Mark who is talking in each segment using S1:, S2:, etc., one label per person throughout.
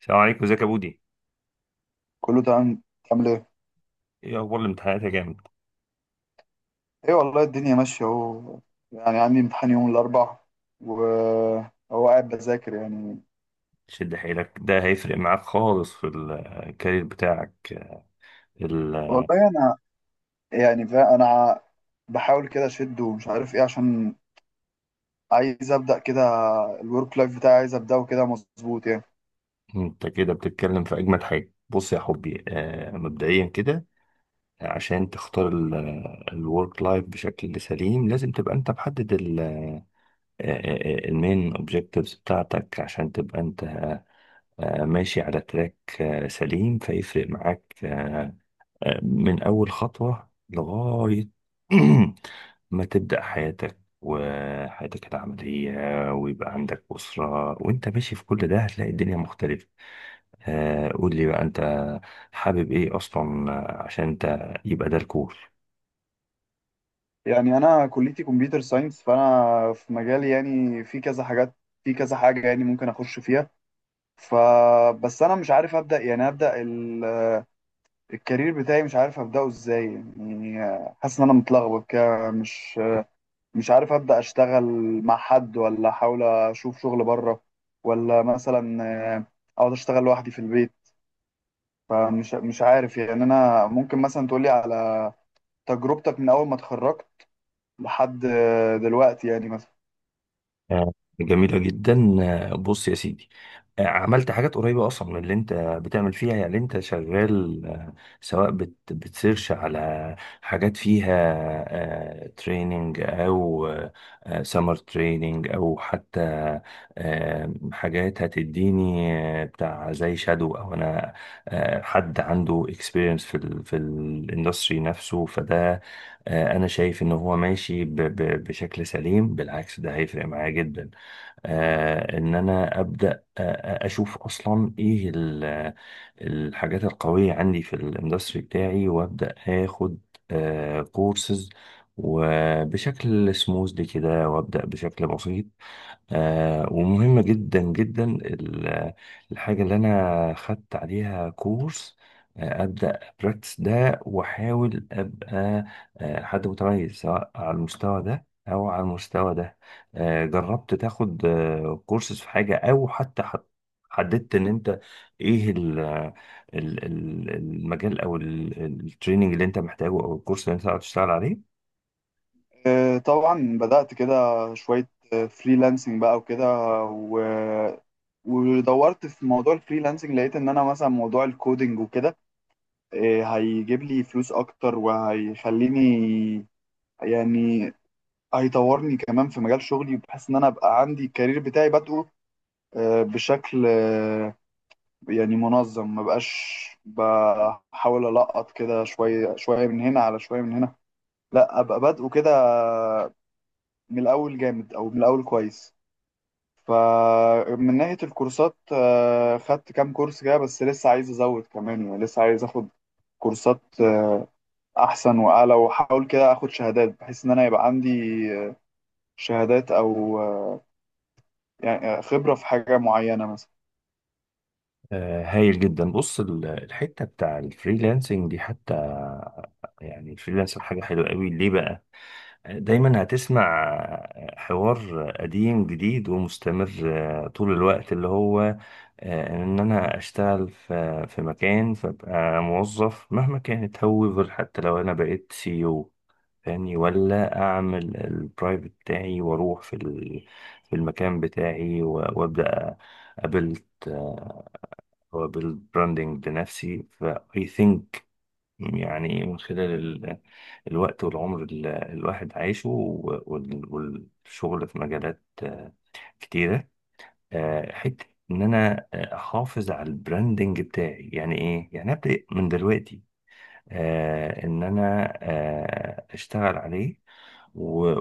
S1: السلام عليكم. ازيك يا بودي؟
S2: كله تمام. تعمل ايه؟
S1: ايه اخبار الامتحانات يا جامد؟
S2: ايه والله، الدنيا ماشية اهو، يعني عندي امتحان يوم الأربع وهو قاعد بذاكر يعني.
S1: شد حيلك، ده هيفرق معاك خالص في الكارير بتاعك. ال-
S2: والله أنا يعني أنا بحاول كده أشد ومش عارف ايه، عشان عايز أبدأ كده. الورك لايف بتاعي عايز أبدأه كده مظبوط يعني.
S1: انت كده بتتكلم في اجمد حاجه. بص يا حبي، مبدئيا كده، عشان تختار الورك لايف بشكل سليم لازم تبقى انت محدد المين اوبجكتيفز بتاعتك، عشان تبقى انت ماشي على تراك سليم. فيفرق معاك من أول خطوة لغاية ما تبدأ حياتك وحياتك العملية، ويبقى عندك أسرة وأنت ماشي في كل ده، هتلاقي الدنيا مختلفة. قول لي بقى، أنت حابب إيه أصلا؟ عشان أنت يبقى ده الكور.
S2: يعني أنا كليتي كمبيوتر ساينس، فأنا في مجالي يعني في كذا حاجات، في كذا حاجة يعني ممكن أخش فيها. فبس أنا مش عارف أبدأ، يعني أبدأ الكارير بتاعي، مش عارف ابداه ازاي. يعني حاسس ان انا متلخبط كده، مش عارف ابدا اشتغل مع حد، ولا احاول اشوف شغل بره، ولا مثلا آه، اقعد اشتغل لوحدي في البيت. فمش مش عارف، يعني انا ممكن مثلا تقولي على تجربتك من اول ما اتخرجت لحد دلوقتي، يعني مثلا.
S1: آه، جميلة جدا. بص يا سيدي، عملت حاجات قريبة أصلا من اللي أنت بتعمل فيها. يعني أنت شغال، سواء بتسيرش على حاجات فيها تريننج، أو سمر تريننج، أو حتى حاجات هتديني بتاع زي شادو، أو أنا حد عنده اكسبيرينس في ال في الاندستري نفسه. فده انا شايف ان هو ماشي بشكل سليم. بالعكس، ده هيفرق معايا جدا، ان انا ابدا اشوف اصلا ايه الحاجات القويه عندي في الاندستري بتاعي، وابدا اخد كورسز، وبشكل سموز كده، وابدا بشكل بسيط. ومهم جدا جدا الحاجة اللي أنا خدت عليها كورس، أبدأ براكتس ده، وأحاول أبقى حد متميز، سواء على المستوى ده أو على المستوى ده. جربت تاخد كورسز في حاجة، أو حتى حددت إن أنت إيه المجال، أو التريننج اللي أنت محتاجه، أو الكورس اللي أنت هتشتغل عليه؟
S2: طبعا بدات كده شويه فريلانسنج بقى وكده، و ودورت في موضوع الفريلانسنج. لقيت ان انا مثلا موضوع الكودينج وكده إيه، هيجيب لي فلوس اكتر وهيخليني، يعني هيطورني كمان في مجال شغلي، بحيث ان انا ابقى عندي الكارير بتاعي بادئه بشكل يعني منظم، ما بقاش بحاول القط كده شويه شويه من هنا، على شويه من هنا. لا، ابقى بادئه كده من الاول جامد او من الاول كويس. فمن ناحيه الكورسات خدت كام كورس كده، بس لسه عايز ازود كمان، يعني لسه عايز اخد كورسات احسن واعلى، واحاول كده اخد شهادات بحيث ان انا يبقى عندي شهادات، او يعني خبره في حاجه معينه مثلا.
S1: هايل جدا. بص، الحته بتاع الفريلانسنج دي، حتى يعني الفريلانسر، حاجه حلوه قوي. ليه بقى؟ دايما هتسمع حوار قديم جديد ومستمر طول الوقت، اللي هو ان انا اشتغل في مكان، فابقى موظف مهما كانت هوفر، حتى لو انا بقيت سي او، فاهمني؟ ولا اعمل البرايفت بتاعي واروح في المكان بتاعي وابدا. قابلت هو بالبراندنج لنفسي، فاي ثينك، يعني من خلال الوقت والعمر اللي الواحد عايشه، والشغل في مجالات كتيرة. حتة ان انا احافظ على البراندنج بتاعي. يعني ايه؟ يعني ابدا من دلوقتي ان انا اشتغل عليه،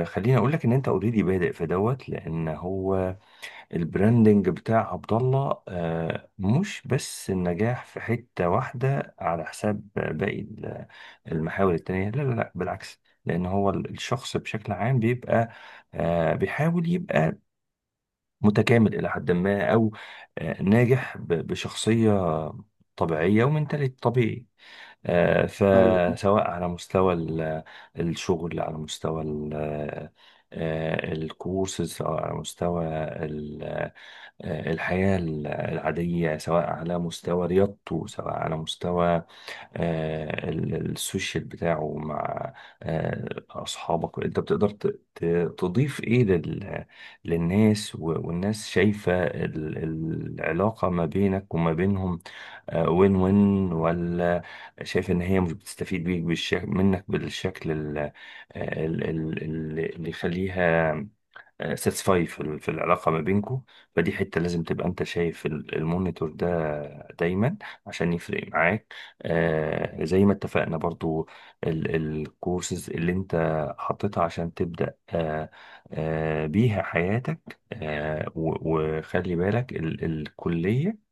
S1: وخليني اقول لك ان انت اوريدي بادئ في دوت، لان هو البراندنج بتاع عبد الله مش بس النجاح في حتة واحدة على حساب باقي المحاور التانية. لا لا لا، بالعكس، لأن هو الشخص بشكل عام بيبقى بيحاول يبقى متكامل إلى حد ما، أو ناجح بشخصية طبيعية ومنتاليتي طبيعي.
S2: ايوه.
S1: فسواء على مستوى الشغل، على مستوى الكورسز، أو على مستوى ال- الحياة العادية، سواء على مستوى رياضته، سواء على مستوى السوشيال بتاعه مع أصحابك. أنت بتقدر تضيف إيه للناس، والناس شايفة العلاقة ما بينك وما بينهم وين وين، ولا شايف ان هي مش بتستفيد بيك بالشكل، منك بالشكل اللي يخليها ساتسفاي في العلاقه ما بينكم. فدي حته لازم تبقى انت شايف المونيتور ده دايما، عشان يفرق معاك. زي ما اتفقنا، برضو الكورسز اللي انت حطيتها عشان تبدا بيها حياتك، وخلي بالك الكليه،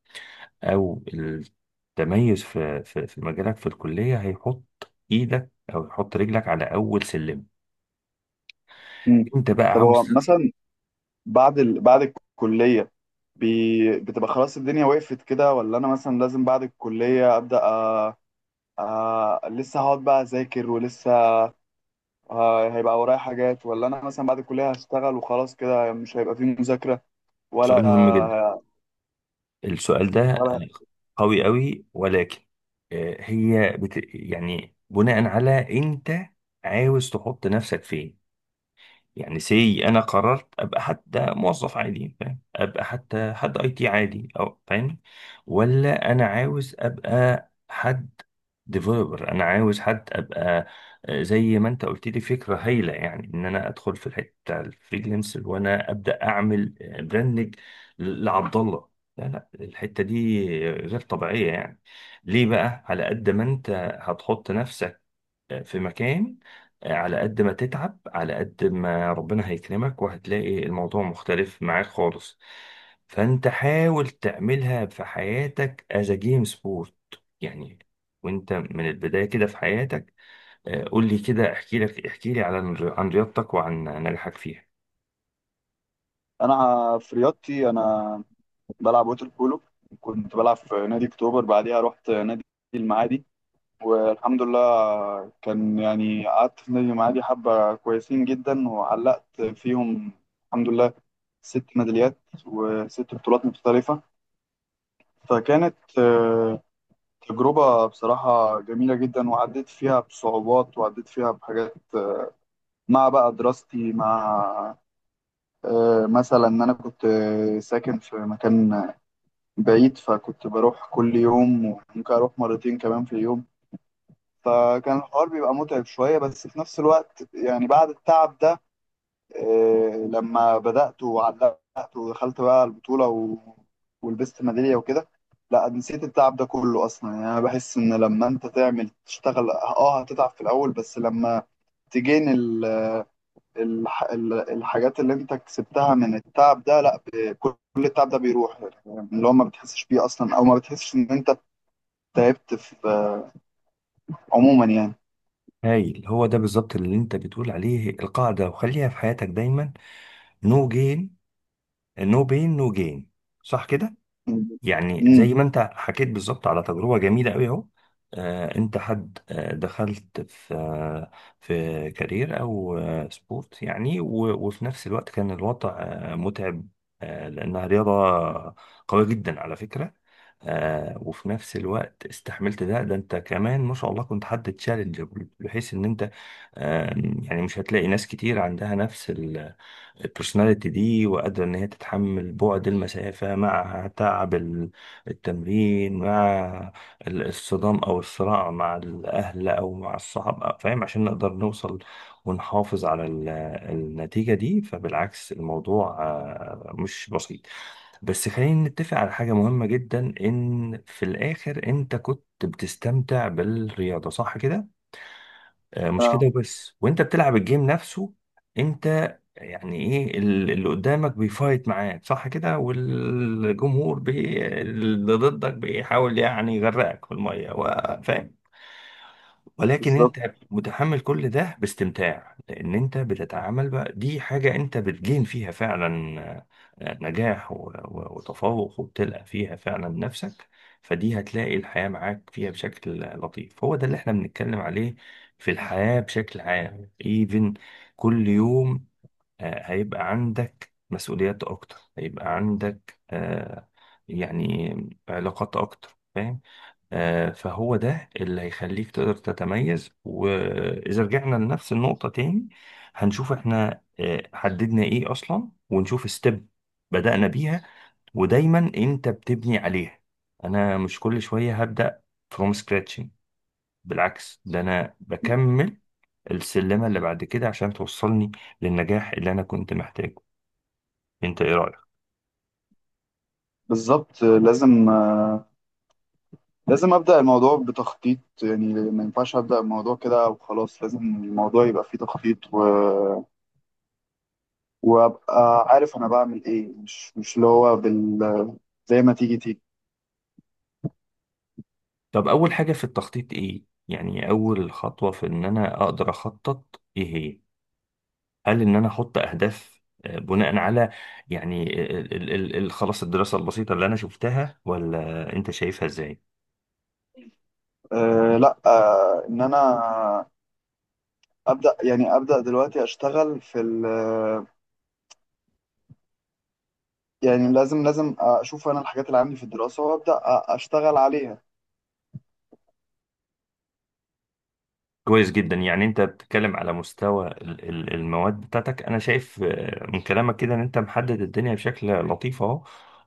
S1: او التميز في مجالك، في الكليه هيحط ايدك او يحط رجلك على اول سلم،
S2: مم.
S1: انت بقى
S2: طب
S1: عاوز
S2: هو
S1: تطلع.
S2: مثلا بعد الكليه، بتبقى خلاص الدنيا وقفت كده، ولا انا مثلا لازم بعد الكليه ابدا لسه هقعد بقى اذاكر، ولسه هيبقى ورايا حاجات، ولا انا مثلا بعد الكليه هشتغل وخلاص كده مش هيبقى فيه مذاكره
S1: سؤال
S2: ولا؟
S1: مهم جدا، السؤال ده
S2: ولا
S1: قوي قوي، ولكن هي يعني بناء على انت عاوز تحط نفسك فين. يعني سي انا قررت ابقى حتى موظف عادي، فاهم؟ ابقى حتى حد اي تي عادي، او فاهم، ولا انا عاوز ابقى حد ديفلوبر؟ انا عاوز حد ابقى، زي ما انت قلت لي، فكره هايله، يعني ان انا ادخل في الحته بتاع الفريلانسر، وانا ابدا اعمل براندنج لعبد الله. لا لا، الحته دي غير طبيعيه، يعني ليه بقى؟ على قد ما انت هتحط نفسك في مكان، على قد ما تتعب، على قد ما ربنا هيكرمك، وهتلاقي الموضوع مختلف معاك خالص. فانت حاول تعملها في حياتك as a game sport، يعني وانت من البداية كده في حياتك. قول لي كده، احكي لي عن رياضتك وعن نجاحك فيها.
S2: انا في رياضتي، انا بلعب ووتر بولو. كنت بلعب في نادي اكتوبر، بعديها رحت نادي المعادي. والحمد لله كان يعني قعدت في نادي المعادي حبة كويسين جدا، وعلقت فيهم الحمد لله ست ميداليات وست بطولات مختلفة. فكانت تجربة بصراحة جميلة جدا، وعديت فيها بصعوبات، وعديت فيها بحاجات، مع بقى دراستي، مع مثلا ان انا كنت ساكن في مكان بعيد، فكنت بروح كل يوم وممكن أروح مرتين كمان في اليوم. فكان الحوار بيبقى متعب شوية، بس في نفس الوقت يعني بعد التعب ده لما بدأت وعلقت ودخلت بقى البطولة ولبست ميدالية وكده، لا نسيت التعب ده كله أصلا. يعني أنا بحس إن لما أنت تعمل تشتغل هتتعب في الأول، بس لما تجين الحاجات اللي أنت كسبتها من التعب ده، لا، كل التعب ده بيروح، يعني اللي هو ما بتحسش بيه أصلا، أو ما بتحسش إن أنت تعبت في عموما يعني.
S1: هايل، هو ده بالظبط اللي انت بتقول عليه القاعدة، وخليها في حياتك دايما: no gain no pain no gain. صح كده؟ يعني
S2: امم.
S1: زي ما انت حكيت بالظبط على تجربه جميله قوي اهو. انت حد دخلت في في كارير او سبورت، يعني وفي نفس الوقت كان الوضع متعب، لانها رياضه قويه جدا على فكره. وفي نفس الوقت استحملت ده، انت كمان ما شاء الله كنت حد تشالنج، بحيث ان انت آه، يعني مش هتلاقي ناس كتير عندها نفس البرسوناليتي دي، وقادرة إن هي تتحمل بعد المسافة مع تعب التمرين، مع الصدام أو الصراع مع الأهل أو مع الصحاب، فاهم؟ عشان نقدر نوصل ونحافظ على النتيجة دي. فبالعكس، الموضوع مش بسيط. بس خلينا نتفق على حاجة مهمة جدا، إن في الآخر أنت كنت بتستمتع بالرياضة، صح كده؟ مش
S2: اه.
S1: كده بس، وانت بتلعب الجيم نفسه، انت يعني ايه اللي قدامك بيفايت معاك، صح كده؟ والجمهور اللي ضدك بيحاول يعني يغرقك في الميه، فاهم؟ ولكن
S2: بالظبط.
S1: انت متحمل كل ده باستمتاع، لان انت بتتعامل بقى دي حاجة انت بتجين فيها فعلا نجاح وتفوق، وبتلقى فيها فعلا نفسك. فدي هتلاقي الحياة معاك فيها بشكل لطيف. هو ده اللي احنا بنتكلم عليه في الحياة بشكل عام. ايفن كل يوم هيبقى عندك مسؤوليات اكتر، هيبقى عندك يعني علاقات اكتر، فاهم؟ فهو ده اللي هيخليك تقدر تتميز. وإذا رجعنا لنفس النقطة تاني، هنشوف احنا حددنا ايه أصلا، ونشوف ستيب بدأنا بيها، ودايما انت بتبني عليها. أنا مش كل شوية هبدأ فروم scratching، بالعكس، ده أنا بكمل السلمة اللي بعد كده عشان توصلني للنجاح اللي أنا كنت محتاجه. انت ايه رأيك؟
S2: بالظبط، لازم ابدا الموضوع بتخطيط، يعني ما ينفعش ابدا الموضوع كده وخلاص، لازم الموضوع يبقى فيه تخطيط وابقى عارف انا بعمل ايه، مش اللي هو زي ما تيجي تيجي.
S1: طب أول حاجة في التخطيط ايه؟ يعني أول خطوة في إن أنا أقدر أخطط ايه هي؟ هل ان انا احط اهداف بناء على، يعني خلاص الدراسه البسيطه اللي انا شفتها، ولا انت شايفها ازاي؟
S2: لا، ان انا ابدا، يعني ابدا دلوقتي اشتغل في ال يعني لازم اشوف انا الحاجات اللي عندي في الدراسه، وابدا اشتغل عليها.
S1: كويس جدا، يعني انت بتتكلم على مستوى المواد بتاعتك. انا شايف من كلامك كده ان انت محدد الدنيا بشكل لطيف اهو،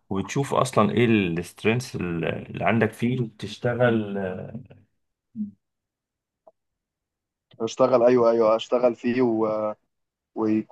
S1: وبتشوف اصلا ايه السترينث اللي عندك فيه وبتشتغل
S2: اشتغل، ايوه، ايوه، اشتغل فيه ويكون